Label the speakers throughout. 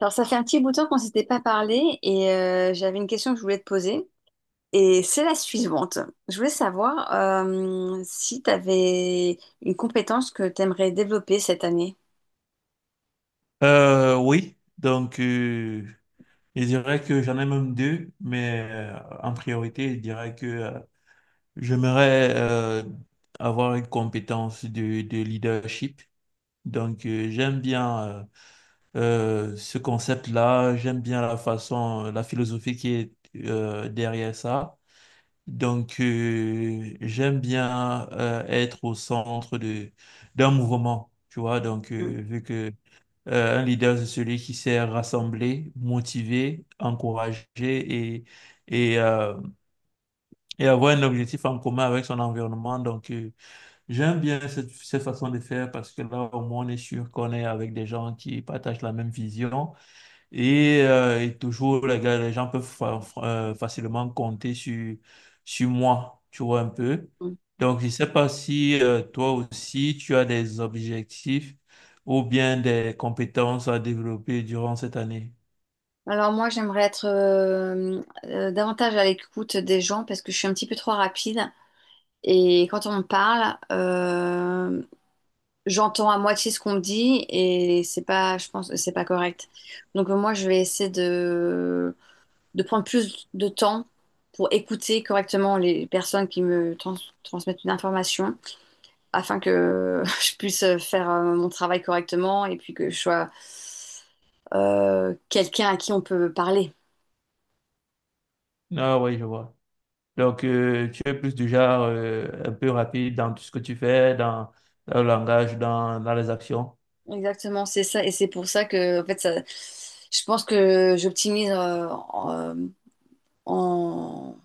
Speaker 1: Alors, ça fait un petit bout de temps qu'on s'était pas parlé et j'avais une question que je voulais te poser. Et c'est la suivante. Je voulais savoir si tu avais une compétence que tu aimerais développer cette année.
Speaker 2: Euh, oui, donc euh, je dirais que j'en ai même deux, mais en priorité, je dirais que j'aimerais avoir une compétence de leadership. J'aime bien ce concept-là, j'aime bien la façon, la philosophie qui est derrière ça. J'aime bien être au centre de d'un mouvement, tu vois.
Speaker 1: Mm.
Speaker 2: Vu que un leader, c'est celui qui sait rassembler, motiver, encourager et, euh, et avoir un objectif en commun avec son environnement. J'aime bien cette façon de faire parce que là, au moins, on est sûr qu'on est avec des gens qui partagent la même vision et toujours, les gens peuvent facilement compter sur moi, tu vois un peu.
Speaker 1: Mm.
Speaker 2: Donc, je ne sais pas si toi aussi, tu as des objectifs ou bien des compétences à développer durant cette année.
Speaker 1: Alors moi, j'aimerais être davantage à l'écoute des gens parce que je suis un petit peu trop rapide. Et quand on me parle, j'entends à moitié ce qu'on me dit et c'est pas, je pense, que c'est pas correct. Donc moi, je vais essayer de prendre plus de temps pour écouter correctement les personnes qui transmettent une information afin que je puisse faire mon travail correctement et puis que je sois quelqu'un à qui on peut parler.
Speaker 2: Ah oui, je vois. Donc, tu es plus du genre un peu rapide dans tout ce que tu fais, dans le langage, dans les actions.
Speaker 1: Exactement, c'est ça. Et c'est pour ça que, en fait, ça, je pense que j'optimise en-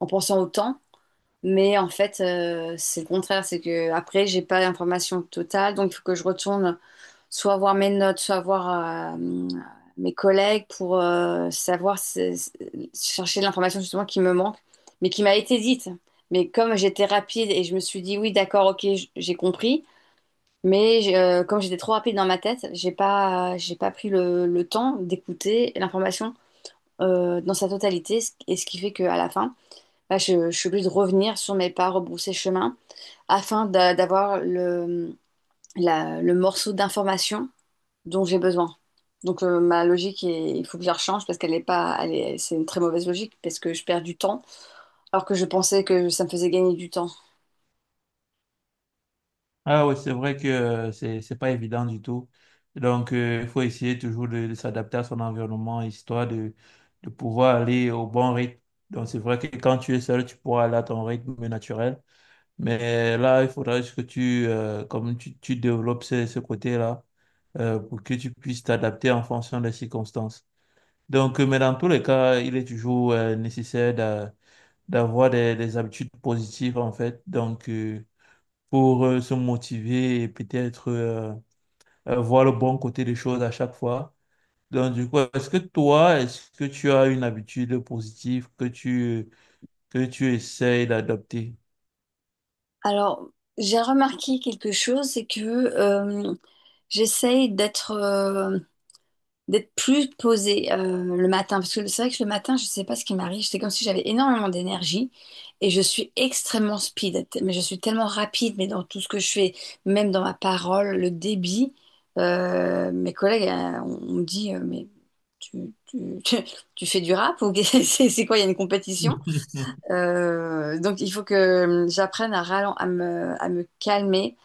Speaker 1: en pensant au temps. Mais en fait, c'est le contraire. C'est que après, j'ai pas l'information totale. Donc, il faut que je retourne soit voir mes notes, soit voir mes collègues pour savoir chercher de l'information justement qui me manque, mais qui m'a été dite. Mais comme j'étais rapide et je me suis dit oui, d'accord, ok, j'ai compris, mais comme j'étais trop rapide dans ma tête, j'ai pas pris le temps d'écouter l'information dans sa totalité, et ce qui fait qu'à la fin, bah, je suis obligée de revenir sur mes pas, rebrousser chemin, d'avoir le morceau d'information dont j'ai besoin. Donc ma logique, il faut que je la rechange parce qu'elle est pas, elle est- c'est une très mauvaise logique parce que je perds du temps alors que je pensais que ça me faisait gagner du temps.
Speaker 2: Ah oui, c'est vrai que c'est c'est pas évident du tout. Donc, il faut essayer toujours de s'adapter à son environnement, de pouvoir aller au bon rythme. Donc, c'est vrai que quand tu es seul, tu pourras aller à ton rythme naturel. Mais là, il faudra juste que tu, comme tu développes ce côté-là, pour que tu puisses t'adapter en fonction des circonstances. Donc, mais dans tous les cas, il est toujours nécessaire d'avoir des habitudes positives, en fait. Donc, pour se motiver et peut-être voir le bon côté des choses à chaque fois. Donc, du coup, est-ce que toi, est-ce que tu as une habitude positive que tu essayes d'adopter?
Speaker 1: Alors j'ai remarqué quelque chose, c'est que j'essaye d'être d'être plus posée le matin. Parce que c'est vrai que le matin, je ne sais pas ce qui m'arrive. C'est comme si j'avais énormément d'énergie et je suis extrêmement speed. Mais je suis tellement rapide, mais dans tout ce que je fais, même dans ma parole, le débit. Mes collègues, on me dit, mais tu, tu- tu fais du rap ou c'est quoi, il y a une compétition? Donc, il faut que j'apprenne à, à me calmer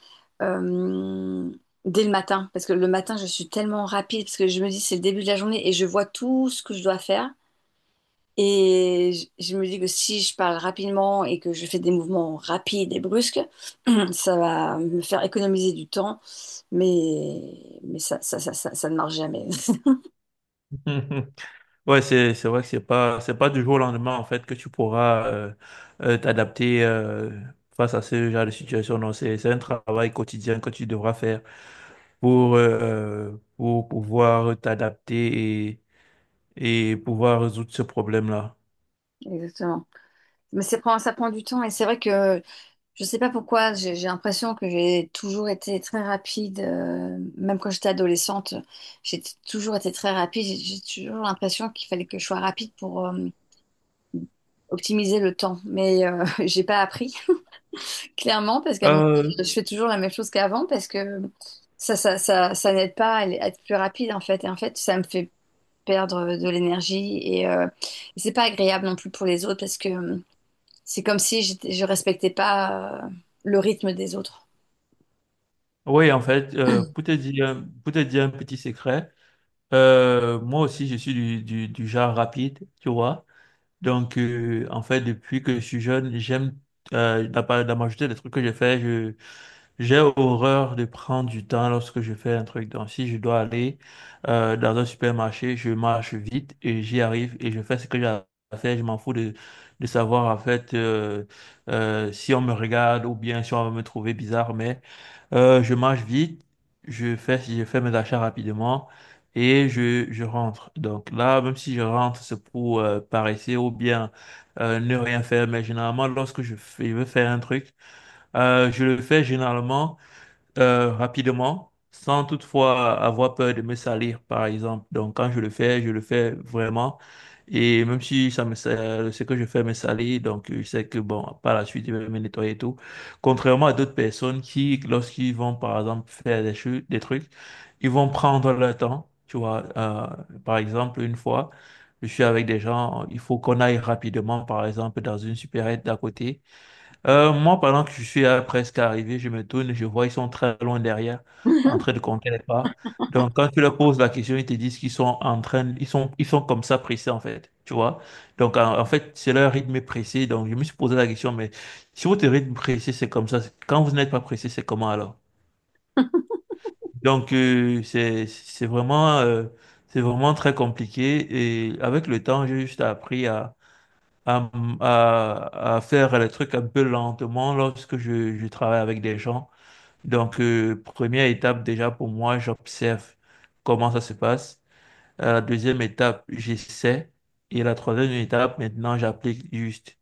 Speaker 1: euh, dès le matin. Parce que le matin, je suis tellement rapide, parce que je me dis, c'est le début de la journée et je vois tout ce que je dois faire. Et je me dis que si je parle rapidement et que je fais des mouvements rapides et brusques, ça va me faire économiser du temps. Mais ça ne marche jamais.
Speaker 2: Ouais, c'est vrai que c'est pas du jour au lendemain en fait que tu pourras t'adapter face à ce genre de situation. Non, c'est un travail quotidien que tu devras faire pour pouvoir t'adapter et pouvoir résoudre ce problème-là.
Speaker 1: Exactement. Mais ça prend du temps et c'est vrai que je sais pas pourquoi, j'ai l'impression que j'ai toujours été très rapide, même quand j'étais adolescente, toujours été très rapide. J'ai toujours l'impression qu'il fallait que je sois rapide pour optimiser le temps. Mais j'ai pas appris, clairement, parce qu'à mon
Speaker 2: Euh,
Speaker 1: je fais toujours la même chose qu'avant, parce que ça n'aide pas à être plus rapide, en fait. Et en fait, ça me fait perdre de l'énergie et c'est pas agréable non plus pour les autres, parce que c'est comme si je respectais pas le rythme des autres.
Speaker 2: oui, en fait, pour te dire un petit secret, moi aussi je suis du genre rapide, tu vois. En fait depuis que je suis jeune, j'aime la majorité des trucs que j'ai fait, j'ai horreur de prendre du temps lorsque je fais un truc. Donc, si je dois aller dans un supermarché, je marche vite et j'y arrive et je fais ce que j'ai à faire. Je m'en fous de savoir en fait si on me regarde ou bien si on va me trouver bizarre. Mais je marche vite, je fais mes achats rapidement et je rentre. Donc là, même si je rentre, c'est pour paresser ou bien ne rien faire. Mais généralement, je veux faire un truc, je le fais généralement rapidement, sans toutefois avoir peur de me salir, par exemple. Donc, quand je le fais vraiment. Et même si ce que je fais me salit, donc je sais que, bon, par la suite, je vais me nettoyer et tout. Contrairement à d'autres personnes qui, lorsqu'ils vont, par exemple, faire des choses, des trucs, ils vont prendre leur temps. Tu vois, par exemple, une fois, je suis avec des gens, il faut qu'on aille rapidement, par exemple, dans une supérette d'à côté. Moi, pendant que je suis presque arrivé, je me tourne, je vois ils sont très loin derrière, en train de compter les pas. Donc, quand tu leur poses la question, ils te disent qu'ils sont en train, ils sont comme ça pressés, en fait, tu vois. Donc, en fait, c'est leur rythme est pressé. Donc, je me suis posé la question, mais si votre rythme pressé, c'est comme ça, c'est- quand vous n'êtes pas pressé, c'est comment alors? Donc, c'est vraiment très compliqué. Et avec le temps, j'ai juste appris à, à faire les trucs un peu lentement lorsque je travaille avec des gens. Donc, première étape déjà pour moi, j'observe comment ça se passe. La deuxième étape, j'essaie. Et la troisième étape, maintenant, j'applique juste.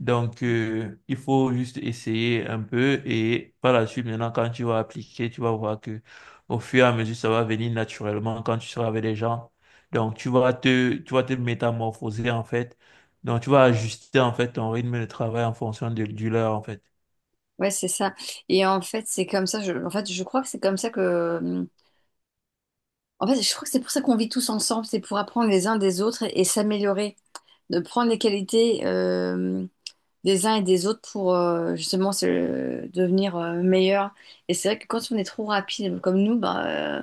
Speaker 2: Donc, il faut juste essayer un peu et par la suite, maintenant, quand tu vas appliquer, tu vas voir que au fur et à mesure, ça va venir naturellement quand tu seras avec les gens. Donc, tu vas te métamorphoser, en fait. Donc, tu vas ajuster, en fait, ton rythme de travail en fonction de, du leur, en fait.
Speaker 1: Ouais, c'est ça. Et en fait, c'est comme ça. En fait, je crois que c'est comme ça que. Mmh, En fait, je crois que c'est pour ça qu'on vit tous ensemble. C'est pour apprendre les uns des autres et s'améliorer. De prendre les qualités des uns et des autres pour justement devenir meilleur. Et c'est vrai que quand on est trop rapide comme nous, bah, euh,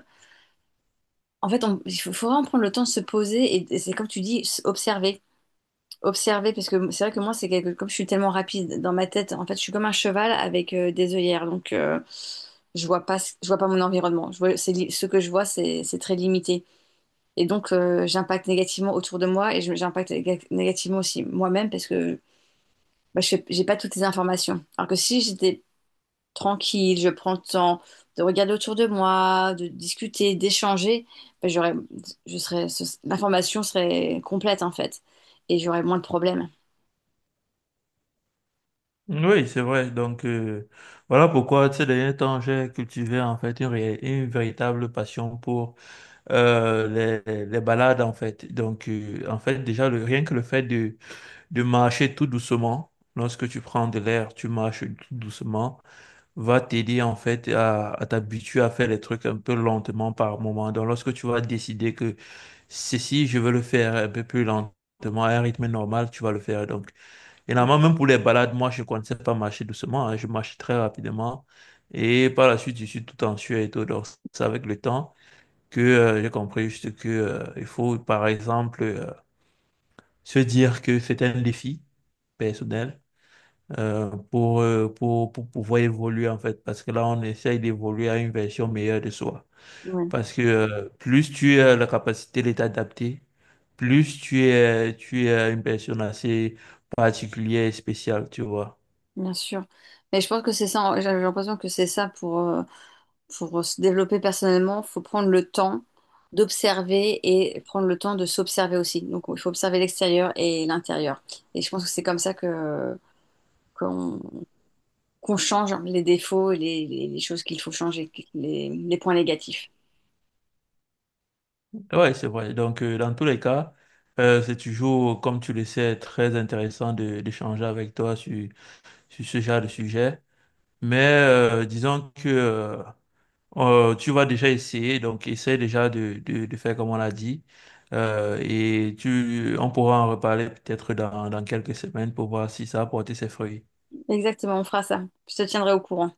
Speaker 1: en fait, il faut, faut vraiment prendre le temps de se poser. Et c'est comme tu dis, observer. Observer parce que c'est vrai que moi c'est quelque comme je suis tellement rapide dans ma tête en fait je suis comme un cheval avec des œillères donc je vois pas ce- je vois pas mon environnement je vois ce que je vois c'est très limité et donc j'impacte négativement autour de moi et j'impacte négativement aussi moi-même parce que bah, j'ai pas toutes les informations alors que si j'étais tranquille je prends le temps de regarder autour de moi de discuter d'échanger bah, j'aurais l'information serait complète en fait et j'aurais moins de problèmes.
Speaker 2: Oui, c'est vrai. Donc, voilà pourquoi ces derniers temps, j'ai cultivé en fait une véritable passion pour euh, les balades, en fait. Donc, en fait, déjà, le, rien que le fait de marcher tout doucement. Lorsque tu prends de l'air, tu marches tout doucement, va t'aider en fait à t'habituer à faire les trucs un peu lentement par moment. Donc lorsque tu vas décider que ceci, je veux le faire un peu plus lentement, à un rythme normal, tu vas le faire. Donc, généralement, même pour les balades, moi, je ne connaissais pas marcher doucement, hein, je marche très rapidement. Et par la suite, je suis tout en sueur et tout. Donc, c'est avec le temps que j'ai compris juste que il faut, par exemple, se dire que c'est un défi personnel pour pouvoir évoluer en fait, parce que là, on essaye d'évoluer à une version meilleure de soi. Parce que plus tu as la capacité de t'adapter, plus tu es une personne assez particulière et spéciale, tu vois.
Speaker 1: Bien sûr. Mais je pense que c'est ça, j'ai l'impression que c'est ça pour, se développer personnellement, faut prendre le temps d'observer et prendre le temps de s'observer aussi. Donc il faut observer l'extérieur et l'intérieur. Et je pense que c'est comme ça que qu'on qu'on change les défauts et les choses qu'il faut changer, les points négatifs.
Speaker 2: Ouais, c'est vrai. Donc, dans tous les cas, c'est toujours, comme tu le sais, très intéressant d'échanger avec toi sur ce genre de sujet. Mais disons que... tu vas déjà essayer, donc essaie déjà de faire comme on l'a dit. Et on pourra en reparler peut-être dans quelques semaines pour voir si ça a porté ses fruits.
Speaker 1: Exactement, on fera ça. Je te tiendrai au courant.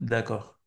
Speaker 2: D'accord.